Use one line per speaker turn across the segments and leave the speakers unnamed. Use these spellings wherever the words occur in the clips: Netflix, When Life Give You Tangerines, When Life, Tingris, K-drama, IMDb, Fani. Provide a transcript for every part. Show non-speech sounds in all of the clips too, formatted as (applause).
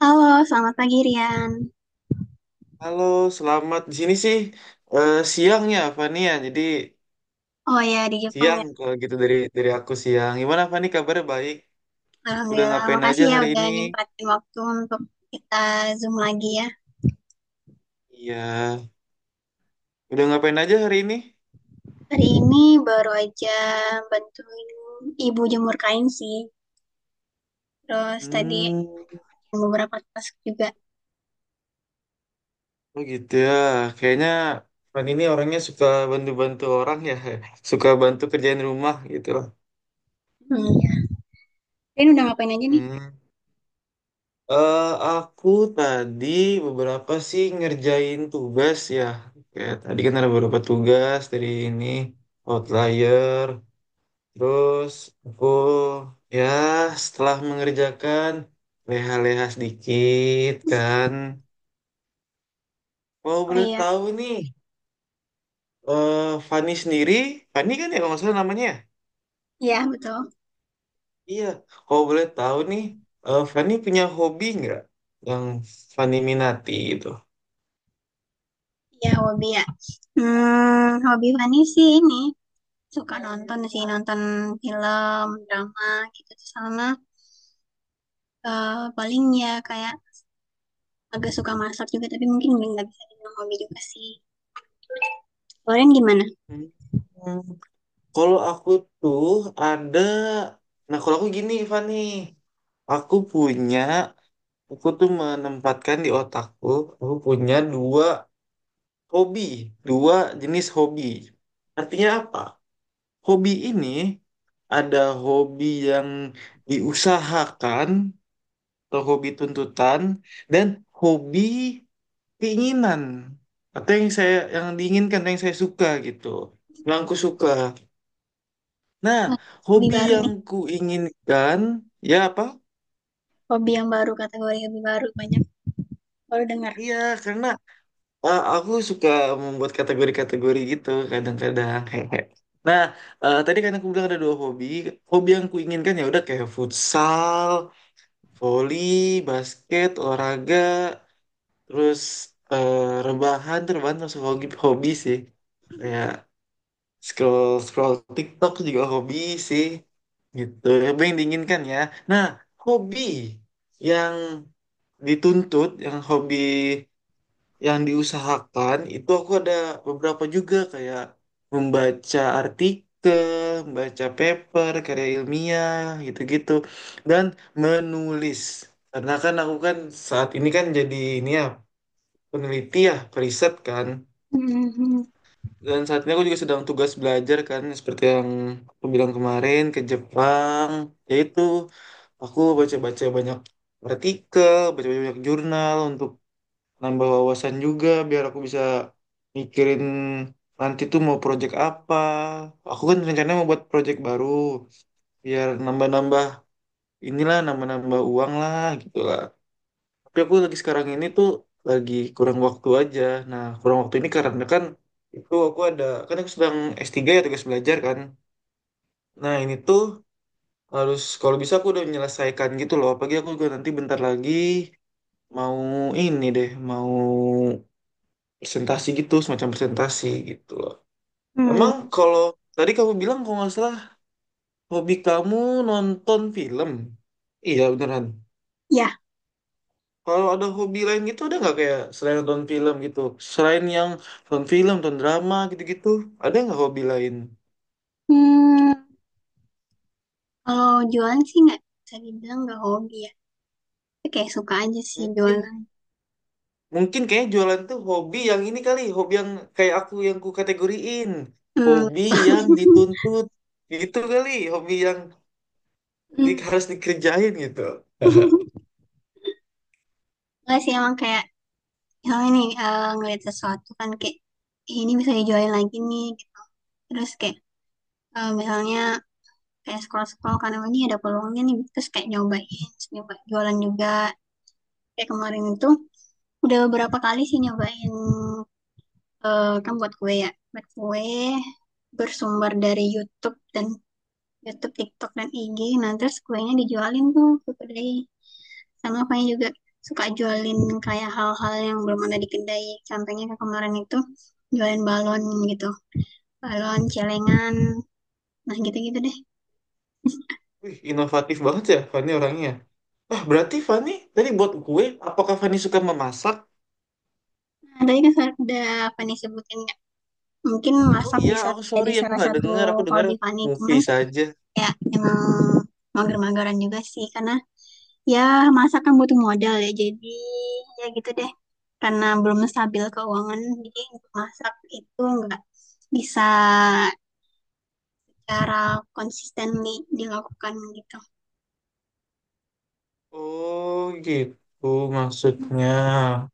Halo, selamat pagi Rian.
Halo, selamat di sini sih siang ya Fani ya. Jadi
Oh ya, di Jepang
siang
ya.
kalau gitu dari aku siang. Gimana Fani, kabarnya baik? Udah
Alhamdulillah,
ngapain aja
makasih ya
hari
udah
ini?
nyempatin waktu untuk kita Zoom lagi ya.
Iya, udah ngapain aja hari ini?
Hari ini baru aja bantuin ibu jemur kain sih. Terus tadi
Hmm,
beberapa task juga.
oh gitu ya. Kayaknya Fani ini orangnya suka bantu-bantu orang ya. (laughs) Suka bantu kerjain rumah gitu.
Hmm, ya. Rian udah ngapain aja nih?
Hmm. Eh, aku tadi beberapa sih ngerjain tugas ya. Kayak tadi kan ada beberapa tugas dari ini outlier. Terus aku ya setelah mengerjakan, leha-leha sedikit kan. Mau
Oh
boleh
iya,
tahu nih, eh Fani sendiri, Fani kan ya kalau nggak salah namanya, ya?
iya betul.
Iya, kalau boleh tahu nih, Fani punya hobi nggak yang Fani minati gitu?
Iya, hobi ya. Hobi Fani sih ini. Suka nonton sih, nonton film, drama gitu. Terus sama paling ya kayak agak suka masak juga tapi mungkin nggak bisa dibilang hobi juga sih. Kalian gimana?
Hmm, Kalau aku tuh ada. Nah, kalau aku gini, Fani, aku punya, aku tuh menempatkan di otakku, aku punya dua hobi, dua jenis hobi. Artinya apa? Hobi ini ada hobi yang diusahakan atau hobi tuntutan, dan hobi keinginan atau yang saya yang diinginkan yang saya suka gitu, yang aku suka. Nah,
Wah, hobi
hobi
baru
yang
nih.
ku inginkan ya apa?
Hobi yang baru, kategori hobi baru, banyak baru dengar.
Iya karena aku suka membuat kategori-kategori gitu kadang-kadang. (laughs) Hehe. Nah, tadi kan aku bilang ada dua hobi. Hobi yang kuinginkan ya udah kayak futsal, voli, basket, olahraga, terus eh, rebahan. Tuh rebahan termasuk hobi, hobi sih. Kayak scroll scroll TikTok juga hobi sih. Gitu, hobi yang diinginkan ya. Nah, hobi yang dituntut, yang hobi yang diusahakan itu aku ada beberapa juga kayak membaca artikel, membaca paper, karya ilmiah, gitu-gitu dan menulis. Karena kan aku kan saat ini kan jadi ini ya, peneliti ya, periset kan.
Hmm,
Dan saat ini aku juga sedang tugas belajar kan, seperti yang aku bilang kemarin ke Jepang, yaitu aku baca-baca banyak artikel, baca-baca banyak jurnal untuk nambah wawasan juga biar aku bisa mikirin nanti tuh mau project apa. Aku kan rencananya mau buat project baru biar nambah-nambah inilah, nambah-nambah uang lah gitu lah. Tapi aku lagi sekarang ini tuh lagi kurang waktu aja. Nah, kurang waktu ini karena kan itu aku ada, kan aku sedang S3 ya, tugas belajar kan. Nah, ini tuh harus kalau bisa aku udah menyelesaikan gitu loh. Apalagi aku juga nanti bentar lagi mau ini deh, mau presentasi gitu, semacam presentasi gitu loh.
hmm,
Emang kalau tadi kamu bilang kalau nggak salah hobi kamu nonton film, iya beneran?
ya.
Kalau ada hobi lain gitu, ada nggak, kayak selain nonton film gitu, selain yang nonton film nonton drama gitu-gitu, ada nggak hobi lain?
Hmm, kalau jualan sih nggak bisa dibilang nggak hobi ya. Tapi kayak suka aja sih
mungkin
jualan.
mungkin kayak jualan tuh hobi yang ini kali, hobi yang kayak aku yang ku kategoriin
Hmm.
hobi yang
(laughs)
dituntut gitu kali, hobi yang
Hmm.
harus dikerjain gitu.
(laughs) Nggak sih emang kayak misalnya nih, ngeliat sesuatu kan kayak "Ih, ini bisa dijualin lagi nih gitu." Terus kayak misalnya kayak scroll-scroll karena ini ada peluangnya nih, terus kayak nyoba jualan juga kayak kemarin itu udah beberapa kali sih nyobain, kan buat kue ya, buat kue bersumber dari YouTube, TikTok dan IG, nah terus kuenya dijualin tuh ke kedai, sama apanya juga suka jualin kayak hal-hal yang belum ada di kedai, contohnya kayak kemarin itu jualin balon gitu, balon celengan, nah gitu-gitu deh.
Wih, inovatif banget ya Fanny orangnya. Ah, berarti Fani tadi buat kue, apakah Fani suka memasak?
Nah, tadi kan udah apa nih sebutin, mungkin
Oh
masak
iya,
bisa
aku sorry,
jadi
aku
salah
nggak
satu
dengar. Aku dengar
hobi Fani, cuman
movie saja.
kayak emang mager-mageran juga sih, karena ya masak kan butuh modal ya, jadi ya gitu deh, karena belum stabil keuangan jadi untuk masak itu nggak bisa cara konsistenly dilakukan gitu.
Oh gitu maksudnya.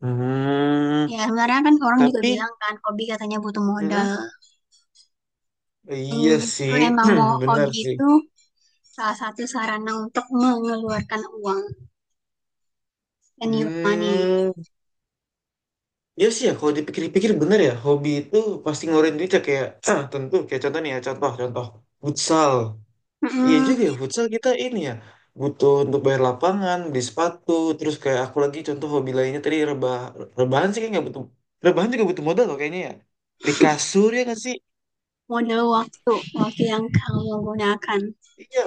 Hmm,
Ya sebenarnya kan orang juga
tapi,
bilang kan hobi katanya butuh
hmm,
modal, dan
iya
justru
sih,
emang mau
(clears throat) benar
hobi
sih.
itu salah satu sarana untuk mengeluarkan uang dan your money.
Hmm, iya sih ya. Kalau dipikir-pikir benar ya, hobi itu pasti ngeluarin duit ya kayak, (clears throat) tentu kayak contoh nih ya, contoh, contoh, futsal. Iya
Mm-mm.
juga ya, futsal kita ini ya, butuh untuk bayar lapangan, beli sepatu, terus kayak aku lagi contoh hobi lainnya tadi rebah, rebahan sih kayak nggak butuh, rebahan juga butuh modal loh kayaknya ya. Beli kasur ya nggak sih?
Model waktu, waktu yang kamu gunakan.
Iya,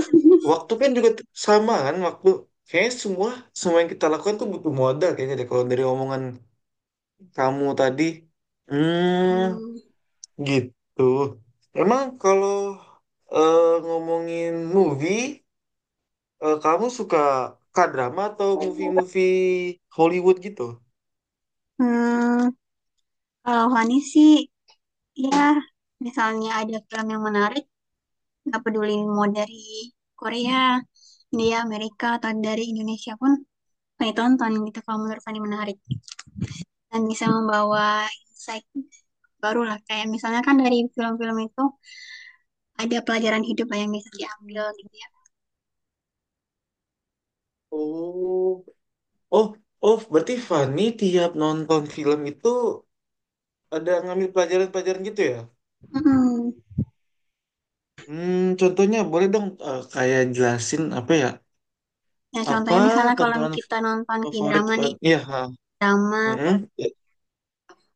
waktu kan juga sama kan, waktu kayaknya semua semua yang kita lakukan tuh butuh modal kayaknya deh. Kalau dari omongan kamu tadi,
Hmm,
hmm, gitu. Emang kalau ngomongin movie. Kamu suka K-drama atau movie-movie Hollywood gitu?
hmm, kalau Fani sih, ya misalnya ada film yang menarik, nggak peduli mau dari Korea, India, Amerika, atau dari Indonesia pun, Fani tonton gitu kalau menurut Fani menarik. Dan bisa membawa insight baru lah, kayak misalnya kan dari film-film itu, ada pelajaran hidup lah yang bisa diambil gitu ya.
Oh, oh, oh, berarti Fanny tiap nonton film itu ada ngambil pelajaran-pelajaran gitu ya?
Hmm.
Contohnya boleh dong, kayak jelasin apa ya?
Ya
Apa
contohnya misalnya kalau
tontonan
kita nonton
favorit
K-drama nih,
Fanny? Iya, ha.
drama
Mm-mm.
ter
Ya.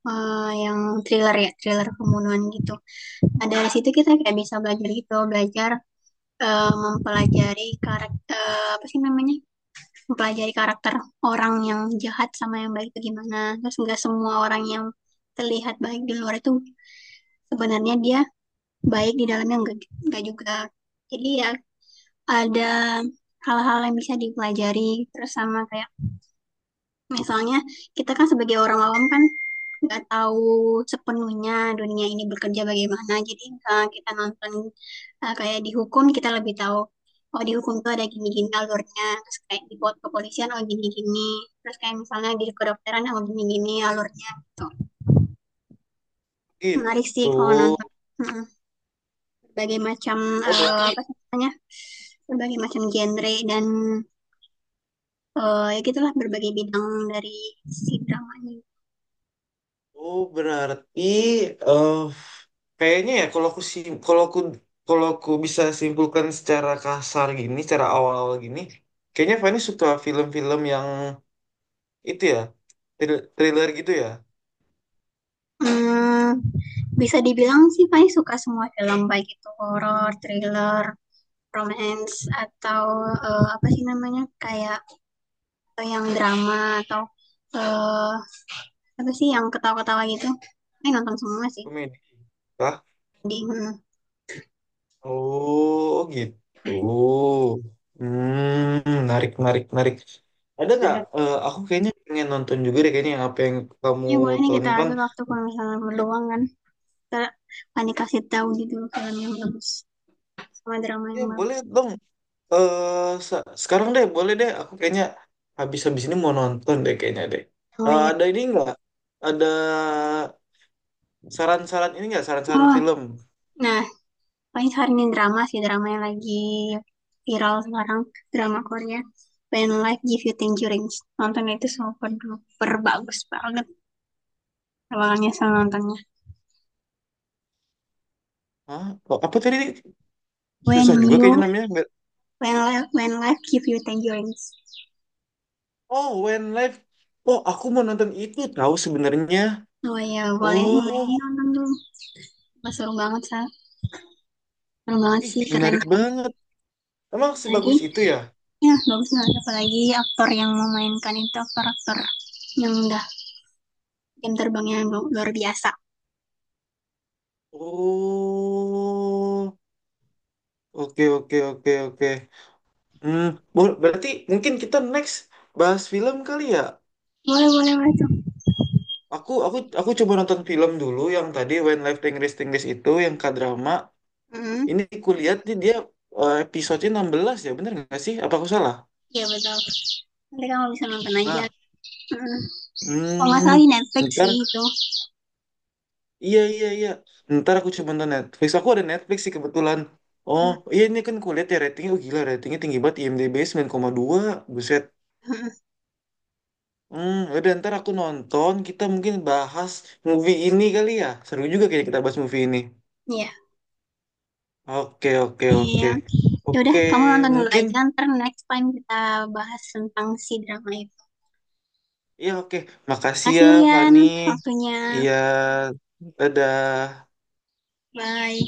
yang thriller ya, thriller pembunuhan gitu. Nah, dari situ kita kayak bisa belajar gitu, belajar, mempelajari karakter, apa sih namanya? Mempelajari karakter orang yang jahat sama yang baik itu gimana. Terus nggak semua orang yang terlihat baik di luar itu sebenarnya dia baik di dalamnya, enggak juga. Jadi ya ada hal-hal yang bisa dipelajari, terus sama kayak misalnya kita kan sebagai orang awam kan nggak tahu sepenuhnya dunia ini bekerja bagaimana. Jadi kita nonton, kayak di hukum kita lebih tahu oh di hukum tuh ada gini-gini alurnya. Terus kayak di kepolisian oh gini-gini. Terus kayak misalnya di kedokteran oh gini-gini alurnya gitu. Menarik sih
Gitu.
kalau nonton. Mm, berbagai macam,
Oh, berarti
apa sih namanya? Berbagai macam genre dan, ya gitulah berbagai bidang dari si dramanya.
Oh, berarti eh kayaknya ya kalau aku bisa simpulkan secara kasar gini, secara awal-awal gini, kayaknya Fani suka film-film yang itu ya, thriller gitu ya,
Hmm, bisa dibilang sih Fai suka semua film, baik itu horor, thriller, romance, atau apa sih namanya, kayak yang drama, atau eh apa sih yang ketawa-ketawa gitu. Fai nonton semua sih.
komedi kah?
Jadi, hmm.
Oh, oh gitu. Hmm, menarik, menarik, menarik. Ada nggak? Aku kayaknya pengen nonton juga deh kayaknya yang apa yang kamu
Ya boleh nih kita
tonton.
atur waktu kalau misalnya berluang kan. Kita Fani kasih tahu gitu film yang bagus, sama drama
Ya
yang bagus.
boleh dong, eh se- sekarang deh, boleh deh. Aku kayaknya habis-habis ini mau nonton deh kayaknya deh.
Oh
Eh,
iya.
ada ini nggak? Ada saran-saran ini nggak? Saran-saran
Oh,
film?
nah paling saranin drama sih, drama yang lagi viral sekarang, drama Korea. When Life Give You Tangerines. Nonton itu super duper bagus banget. Kalau nggak nyesel nontonnya.
Hah? Oh, apa tadi? Susah
When
juga
you,
kayaknya namanya. Nggak-
when life give you tangerines.
Oh, When Life. Oh, aku mau nonton itu tahu sebenarnya.
Oh ya, boleh boleh
Oh,
nonton dulu. Wah, seru banget, sih, Seru banget
ih
sih,
menarik
keren-keren.
banget. Emang
Lagi,
sebagus itu ya?
ya bagus banget. Apalagi aktor yang memainkan itu aktor-aktor yang udah jam terbangnya luar biasa.
Oh, oke oke oke oke. Hmm, berarti mungkin kita next bahas film kali ya?
Boleh, boleh, boleh tuh.
Aku coba nonton film dulu yang tadi When Life Tingris Tingris itu yang K-drama.
Mm-mm.
Ini kulihat nih dia episode-nya 16 ya, bener nggak sih? Apa aku salah?
Iya, betul. Nanti kamu bisa nonton aja.
Nah,
Mm. Kalau nggak salah
hmm,
di Netflix
ntar,
sih itu.
iya iya iya. Ntar aku coba nonton Netflix. Aku ada Netflix sih kebetulan. Oh, iya ini kan kulihat ya ratingnya, oh, gila, ratingnya tinggi banget, IMDb 9,2. Buset. Hmm, udah ntar aku nonton, kita mungkin bahas movie ini kali ya. Seru juga kayaknya kita bahas movie ini.
Iya.
Oke, oke,
Eh,
oke.
ya udah
Oke,
kamu nonton dulu
mungkin
aja. Ntar next time kita bahas tentang si drama itu.
iya, oke.
Terima
Makasih
kasih
ya,
Rian
Fani.
waktunya.
Iya, dadah.
Bye.